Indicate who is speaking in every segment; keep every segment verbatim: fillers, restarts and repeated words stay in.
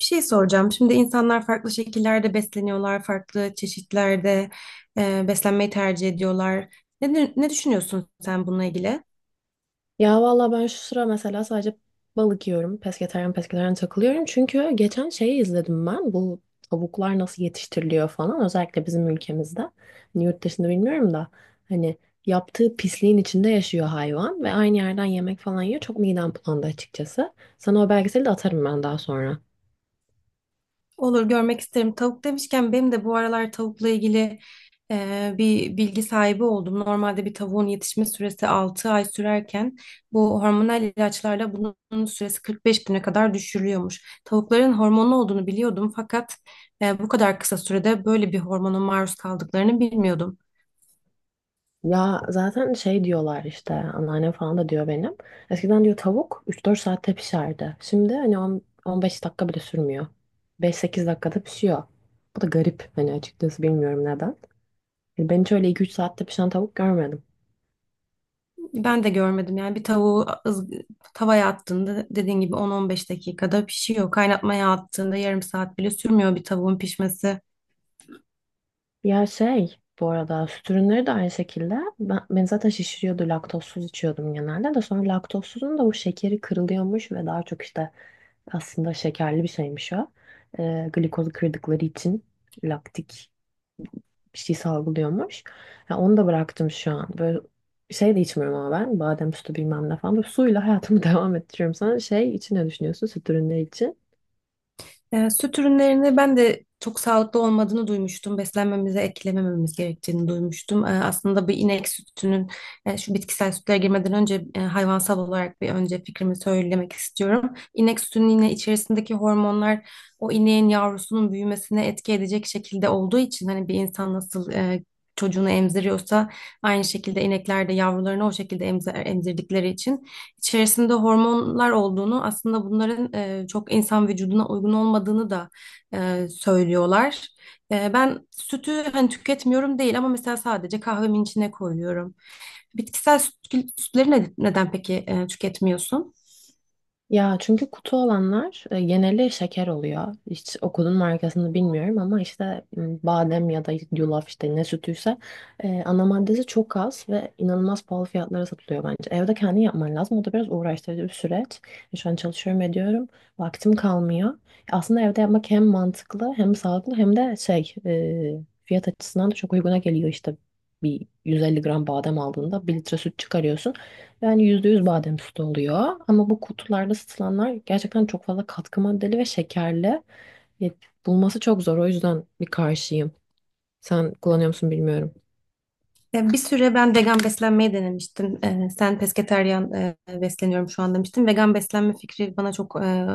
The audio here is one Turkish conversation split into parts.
Speaker 1: Bir şey soracağım. Şimdi insanlar farklı şekillerde besleniyorlar, farklı çeşitlerde e, beslenmeyi tercih ediyorlar. Ne, ne düşünüyorsun sen bununla ilgili?
Speaker 2: Ya valla ben şu sıra mesela sadece balık yiyorum. Pesketaryen pesketaryen takılıyorum. Çünkü geçen şeyi izledim ben. Bu tavuklar nasıl yetiştiriliyor falan. Özellikle bizim ülkemizde. Hani yurt dışında bilmiyorum da. Hani yaptığı pisliğin içinde yaşıyor hayvan. Ve aynı yerden yemek falan yiyor. Çok midem bulandı açıkçası. Sana o belgeseli de atarım ben daha sonra.
Speaker 1: Olur, görmek isterim. Tavuk demişken benim de bu aralar tavukla ilgili e, bir bilgi sahibi oldum. Normalde bir tavuğun yetişme süresi altı ay sürerken bu hormonal ilaçlarla bunun süresi kırk beş güne kadar düşürülüyormuş. Tavukların hormonlu olduğunu biliyordum fakat e, bu kadar kısa sürede böyle bir hormona maruz kaldıklarını bilmiyordum.
Speaker 2: Ya zaten şey diyorlar işte anneannem falan da diyor benim. Eskiden diyor tavuk üç dört saatte pişerdi. Şimdi hani on- on beş dakika bile sürmüyor. Beş sekiz dakikada pişiyor. Bu da garip hani açıkçası bilmiyorum neden. Yani ben hiç öyle iki üç saatte pişen tavuk görmedim.
Speaker 1: Ben de görmedim yani bir tavuğu ız- tavaya attığında dediğin gibi on on beş dakikada pişiyor. Kaynatmaya attığında yarım saat bile sürmüyor bir tavuğun pişmesi.
Speaker 2: Ya şey bu arada süt ürünleri de aynı şekilde. Ben, beni zaten şişiriyordu laktozsuz içiyordum genelde de sonra laktozsuzun da bu şekeri kırılıyormuş ve daha çok işte aslında şekerli bir şeymiş o. Ee, glikozu kırdıkları için laktik bir şey salgılıyormuş. Ya onu da bıraktım şu an. Böyle şey de içmiyorum ama ben. Badem sütü bilmem ne falan. Böyle suyla hayatımı devam ettiriyorum sana. Şey için ne düşünüyorsun? Süt ürünleri için.
Speaker 1: Ee, süt ürünlerini ben de çok sağlıklı olmadığını duymuştum. Beslenmemize eklemememiz gerektiğini duymuştum. Ee, aslında bir inek sütünün e, şu bitkisel sütlere girmeden önce e, hayvansal olarak bir önce fikrimi söylemek istiyorum. İnek sütünün yine içerisindeki hormonlar o ineğin yavrusunun büyümesine etki edecek şekilde olduğu için hani bir insan nasıl e, çocuğunu emziriyorsa aynı şekilde inekler de yavrularını o şekilde emzer, emzirdikleri için içerisinde hormonlar olduğunu aslında bunların e, çok insan vücuduna uygun olmadığını da e, söylüyorlar. E, ben sütü hani tüketmiyorum değil ama mesela sadece kahvemin içine koyuyorum. Bitkisel süt, sütleri ne- neden peki e, tüketmiyorsun?
Speaker 2: Ya çünkü kutu olanlar e, geneli şeker oluyor. Hiç okulun markasını bilmiyorum ama işte m, badem ya da yulaf işte ne sütüyse e, ana maddesi çok az ve inanılmaz pahalı fiyatlara satılıyor bence. Evde kendin yapman lazım. O da biraz uğraştırıcı bir süreç. E, Şu an çalışıyorum ediyorum. Vaktim kalmıyor. Aslında evde yapmak hem mantıklı hem sağlıklı hem de şey e, fiyat açısından da çok uyguna geliyor işte. Bir yüz elli gram badem aldığında bir litre süt çıkarıyorsun. Yani yüzde yüz badem sütü oluyor. Ama bu kutularda satılanlar gerçekten çok fazla katkı maddeli ve şekerli. Ya, bulması çok zor. O yüzden bir karşıyım. Sen kullanıyor musun bilmiyorum.
Speaker 1: Ya bir süre ben vegan beslenmeyi denemiştim. Ee, sen pesketeryan e, besleniyorum şu an demiştin. Vegan beslenme fikri bana çok e,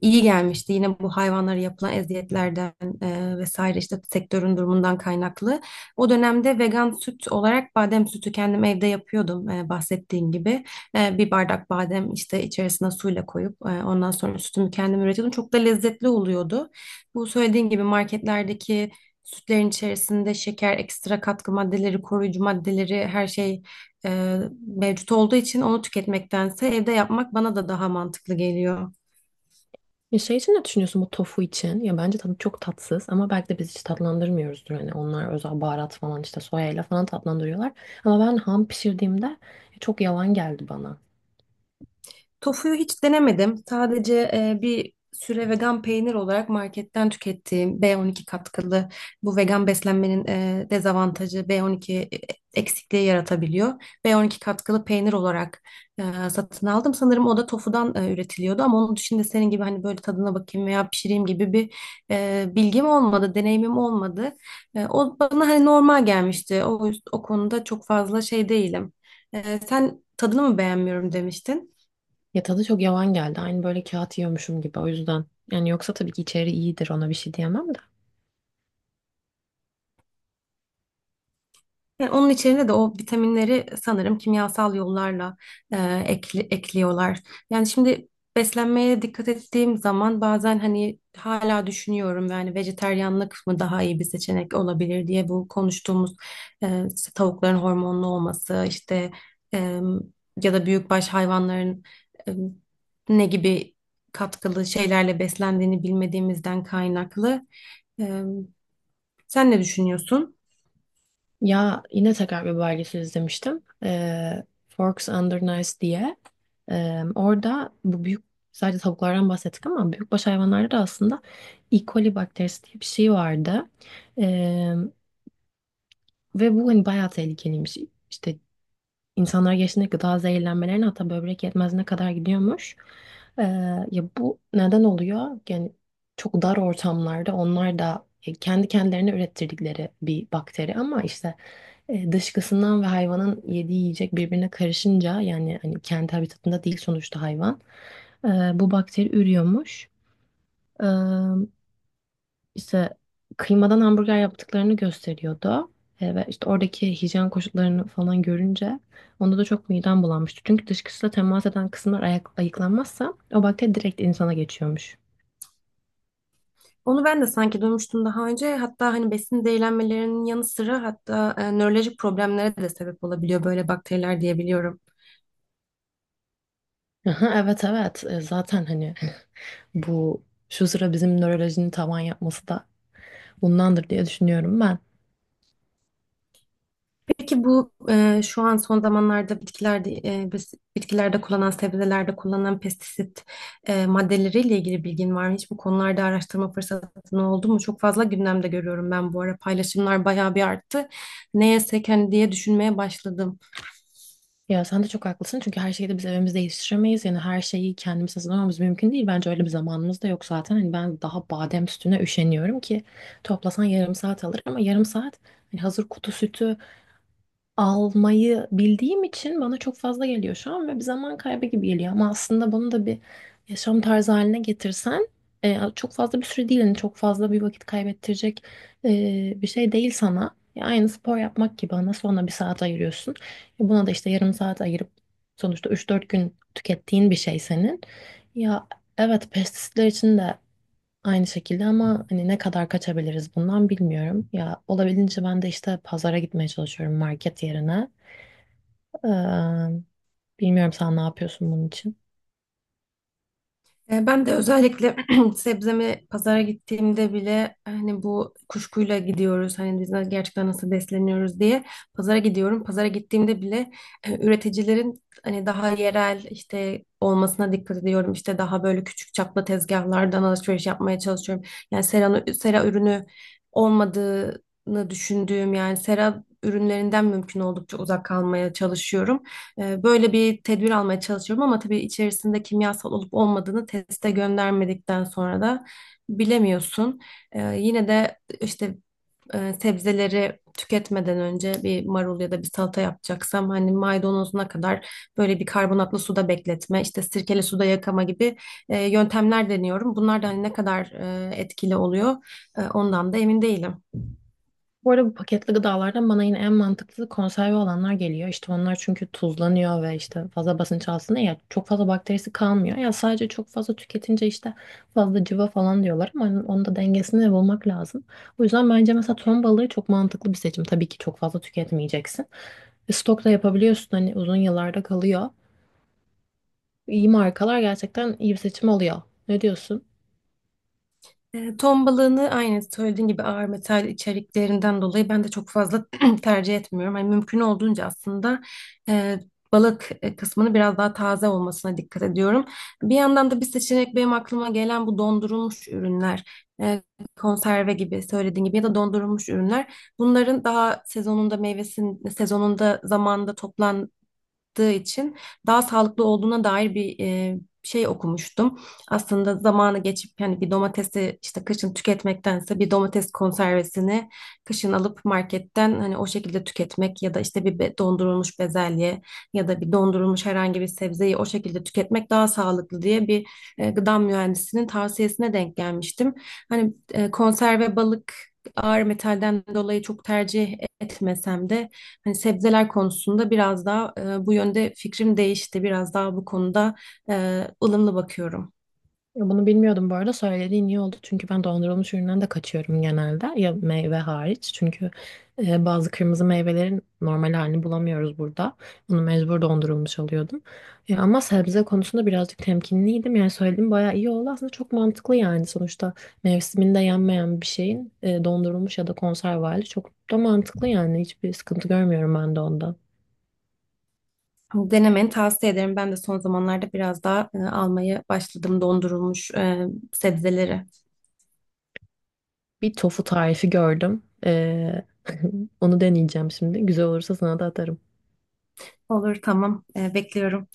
Speaker 1: iyi gelmişti yine bu hayvanlara yapılan eziyetlerden e, vesaire işte sektörün durumundan kaynaklı. O dönemde vegan süt olarak badem sütü kendim evde yapıyordum e, bahsettiğim gibi. E, bir bardak badem işte içerisine suyla koyup e, ondan sonra sütümü kendim üretiyordum. Çok da lezzetli oluyordu. Bu söylediğim gibi marketlerdeki sütlerin içerisinde şeker, ekstra katkı maddeleri, koruyucu maddeleri her şey e, mevcut olduğu için onu tüketmektense evde yapmak bana da daha mantıklı geliyor.
Speaker 2: Ya şey için ne düşünüyorsun bu tofu için? Ya bence tadı çok tatsız ama belki de biz hiç tatlandırmıyoruzdur. Hani onlar özel baharat falan işte soyayla falan tatlandırıyorlar. Ama ben ham pişirdiğimde çok yavan geldi bana.
Speaker 1: Tofuyu hiç denemedim. Sadece e, bir süre vegan peynir olarak marketten tükettiğim B on iki katkılı bu vegan beslenmenin e, dezavantajı B on iki eksikliği yaratabiliyor. B on iki katkılı peynir olarak e, satın aldım. Sanırım o da tofudan e, üretiliyordu ama onun dışında senin gibi hani böyle tadına bakayım veya pişireyim gibi bir e, bilgim olmadı, deneyimim olmadı. E, o bana hani normal gelmişti. O, o konuda çok fazla şey değilim. E, sen tadını mı beğenmiyorum demiştin?
Speaker 2: Ya tadı çok yavan geldi. Aynı böyle kağıt yiyormuşum gibi o yüzden. Yani yoksa tabii ki içeri iyidir ona bir şey diyemem de.
Speaker 1: Yani onun içerine de o vitaminleri sanırım kimyasal yollarla e, ekli- ekliyorlar. Yani şimdi beslenmeye dikkat ettiğim zaman bazen hani hala düşünüyorum yani vejeteryanlık mı daha iyi bir seçenek olabilir diye bu konuştuğumuz e, işte tavukların hormonlu olması işte e, ya da büyükbaş hayvanların e, ne gibi katkılı şeylerle beslendiğini bilmediğimizden kaynaklı. E, Sen ne düşünüyorsun?
Speaker 2: Ya yine tekrar bir belgesel izlemiştim. Ee, Forks Under Nice diye. Ee, orada bu büyük sadece tavuklardan bahsettik ama büyükbaş hayvanlarda da aslında E. coli bakterisi diye bir şey vardı. Ee, Ve bu hani bayağı tehlikeliymiş. İşte İnsanlar yaşında gıda zehirlenmelerine hatta böbrek yetmezliğine kadar gidiyormuş. Ee, Ya bu neden oluyor? Yani çok dar ortamlarda onlar da e, kendi kendilerine ürettirdikleri bir bakteri ama işte e, dışkısından ve hayvanın yediği yiyecek birbirine karışınca yani hani kendi habitatında değil sonuçta hayvan. Ee, bu bakteri ürüyormuş. İşte kıymadan hamburger yaptıklarını gösteriyordu. E, ve işte oradaki hijyen koşullarını falan görünce onda da çok midem bulanmıştı. Çünkü dışkısıyla temas eden kısımlar ayak, ayıklanmazsa o bakteri direkt insana geçiyormuş.
Speaker 1: Onu ben de sanki duymuştum daha önce. Hatta hani besin zehirlenmelerinin yanı sıra hatta e, nörolojik problemlere de sebep olabiliyor böyle bakteriler diyebiliyorum.
Speaker 2: Aha, evet, evet. E, zaten hani bu şu sıra bizim nörolojinin tavan yapması da bundandır diye düşünüyorum ben.
Speaker 1: Peki bu e, şu an son zamanlarda bitkilerde e, biz- bitkilerde kullanılan sebzelerde kullanılan pestisit e, maddeleriyle ilgili bilgin var mı? Hiç bu konularda araştırma fırsatın oldu mu? Çok fazla gündemde görüyorum ben bu ara paylaşımlar bayağı bir arttı. Ne yesek hani diye düşünmeye başladım.
Speaker 2: Ya sen de çok haklısın çünkü her şeyi de biz evimizde yetiştiremeyiz. Yani her şeyi kendimiz hazırlamamız mümkün değil. Bence öyle bir zamanımız da yok zaten. Hani ben daha badem sütüne üşeniyorum ki toplasan yarım saat alır ama yarım saat hani hazır kutu sütü almayı bildiğim için bana çok fazla geliyor şu an ve bir zaman kaybı gibi geliyor. Ama aslında bunu da bir yaşam tarzı haline getirsen e, çok fazla bir süre değil, yani çok fazla bir vakit kaybettirecek e, bir şey değil sana. Ya aynı spor yapmak gibi ana sonra bir saat ayırıyorsun. E, buna da işte yarım saat ayırıp sonuçta üç dört gün tükettiğin bir şey senin. Ya evet pestisitler için de aynı şekilde ama hani ne kadar kaçabiliriz bundan bilmiyorum. Ya olabildiğince ben de işte pazara gitmeye çalışıyorum market yerine. Ee, Bilmiyorum sen ne yapıyorsun bunun için.
Speaker 1: E, Ben de özellikle sebzemi pazara gittiğimde bile hani bu kuşkuyla gidiyoruz hani biz na- gerçekten nasıl besleniyoruz diye pazara gidiyorum. Pazara gittiğimde bile e, üreticilerin hani daha yerel işte olmasına dikkat ediyorum. İşte daha böyle küçük çaplı tezgahlardan alışveriş yapmaya çalışıyorum. Yani sera, sera ürünü olmadığını düşündüğüm yani sera ürünlerinden mümkün oldukça uzak kalmaya çalışıyorum. E, Böyle bir tedbir almaya çalışıyorum ama tabii içerisinde kimyasal olup olmadığını teste göndermedikten sonra da bilemiyorsun. E, Yine de işte e, sebzeleri tüketmeden önce bir marul ya da bir salata yapacaksam hani maydanozuna kadar böyle bir karbonatlı suda bekletme, işte sirkeli suda yakama gibi e, yöntemler deniyorum. Bunlar da hani ne kadar e, etkili oluyor e, ondan da emin değilim.
Speaker 2: Bu arada bu paketli gıdalardan bana yine en mantıklı konserve olanlar geliyor. İşte onlar çünkü tuzlanıyor ve işte fazla basınç altında ya çok fazla bakterisi kalmıyor. Ya sadece çok fazla tüketince işte fazla cıva falan diyorlar ama onun onun da dengesini bulmak lazım. O yüzden bence mesela ton balığı çok mantıklı bir seçim. Tabii ki çok fazla tüketmeyeceksin. E, Stok da yapabiliyorsun hani uzun yıllarda kalıyor. İyi markalar gerçekten iyi bir seçim oluyor. Ne diyorsun?
Speaker 1: E, Ton balığını aynı söylediğin gibi ağır metal içeriklerinden dolayı ben de çok fazla tercih etmiyorum. Hani mümkün olduğunca aslında e, balık e, kısmını biraz daha taze olmasına dikkat ediyorum. Bir yandan da bir seçenek benim aklıma gelen bu dondurulmuş ürünler. E, Konserve gibi söylediğin gibi ya da dondurulmuş ürünler. Bunların daha sezonunda meyvesinin sezonunda zamanında çıktığı için daha sağlıklı olduğuna dair bir e, şey okumuştum. Aslında zamanı geçip yani bir domatesi işte kışın tüketmektense bir domates konservesini kışın alıp marketten hani o şekilde tüketmek ya da işte bir be- dondurulmuş bezelye ya da bir dondurulmuş herhangi bir sebzeyi o şekilde tüketmek daha sağlıklı diye bir e, gıda mühendisinin tavsiyesine denk gelmiştim. Hani e, konserve balık ağır metalden dolayı çok tercih etmesem de hani sebzeler konusunda biraz daha e, bu yönde fikrim değişti. Biraz daha bu konuda e, ılımlı bakıyorum.
Speaker 2: Ya, bunu bilmiyordum bu arada söylediğin iyi oldu çünkü ben dondurulmuş üründen de kaçıyorum genelde ya meyve hariç çünkü e, bazı kırmızı meyvelerin normal halini bulamıyoruz burada bunu mecbur dondurulmuş alıyordum E, ama sebze konusunda birazcık temkinliydim yani söylediğim bayağı iyi oldu aslında çok mantıklı yani sonuçta mevsiminde yenmeyen bir şeyin e, dondurulmuş ya da konserve hali çok da mantıklı yani hiçbir sıkıntı görmüyorum ben de onda.
Speaker 1: Denemeni tavsiye ederim. Ben de son zamanlarda biraz daha e, almaya başladım dondurulmuş e, sebzeleri.
Speaker 2: Bir tofu tarifi gördüm. E, onu deneyeceğim şimdi güzel olursa sana da atarım.
Speaker 1: Olur, tamam. E, bekliyorum.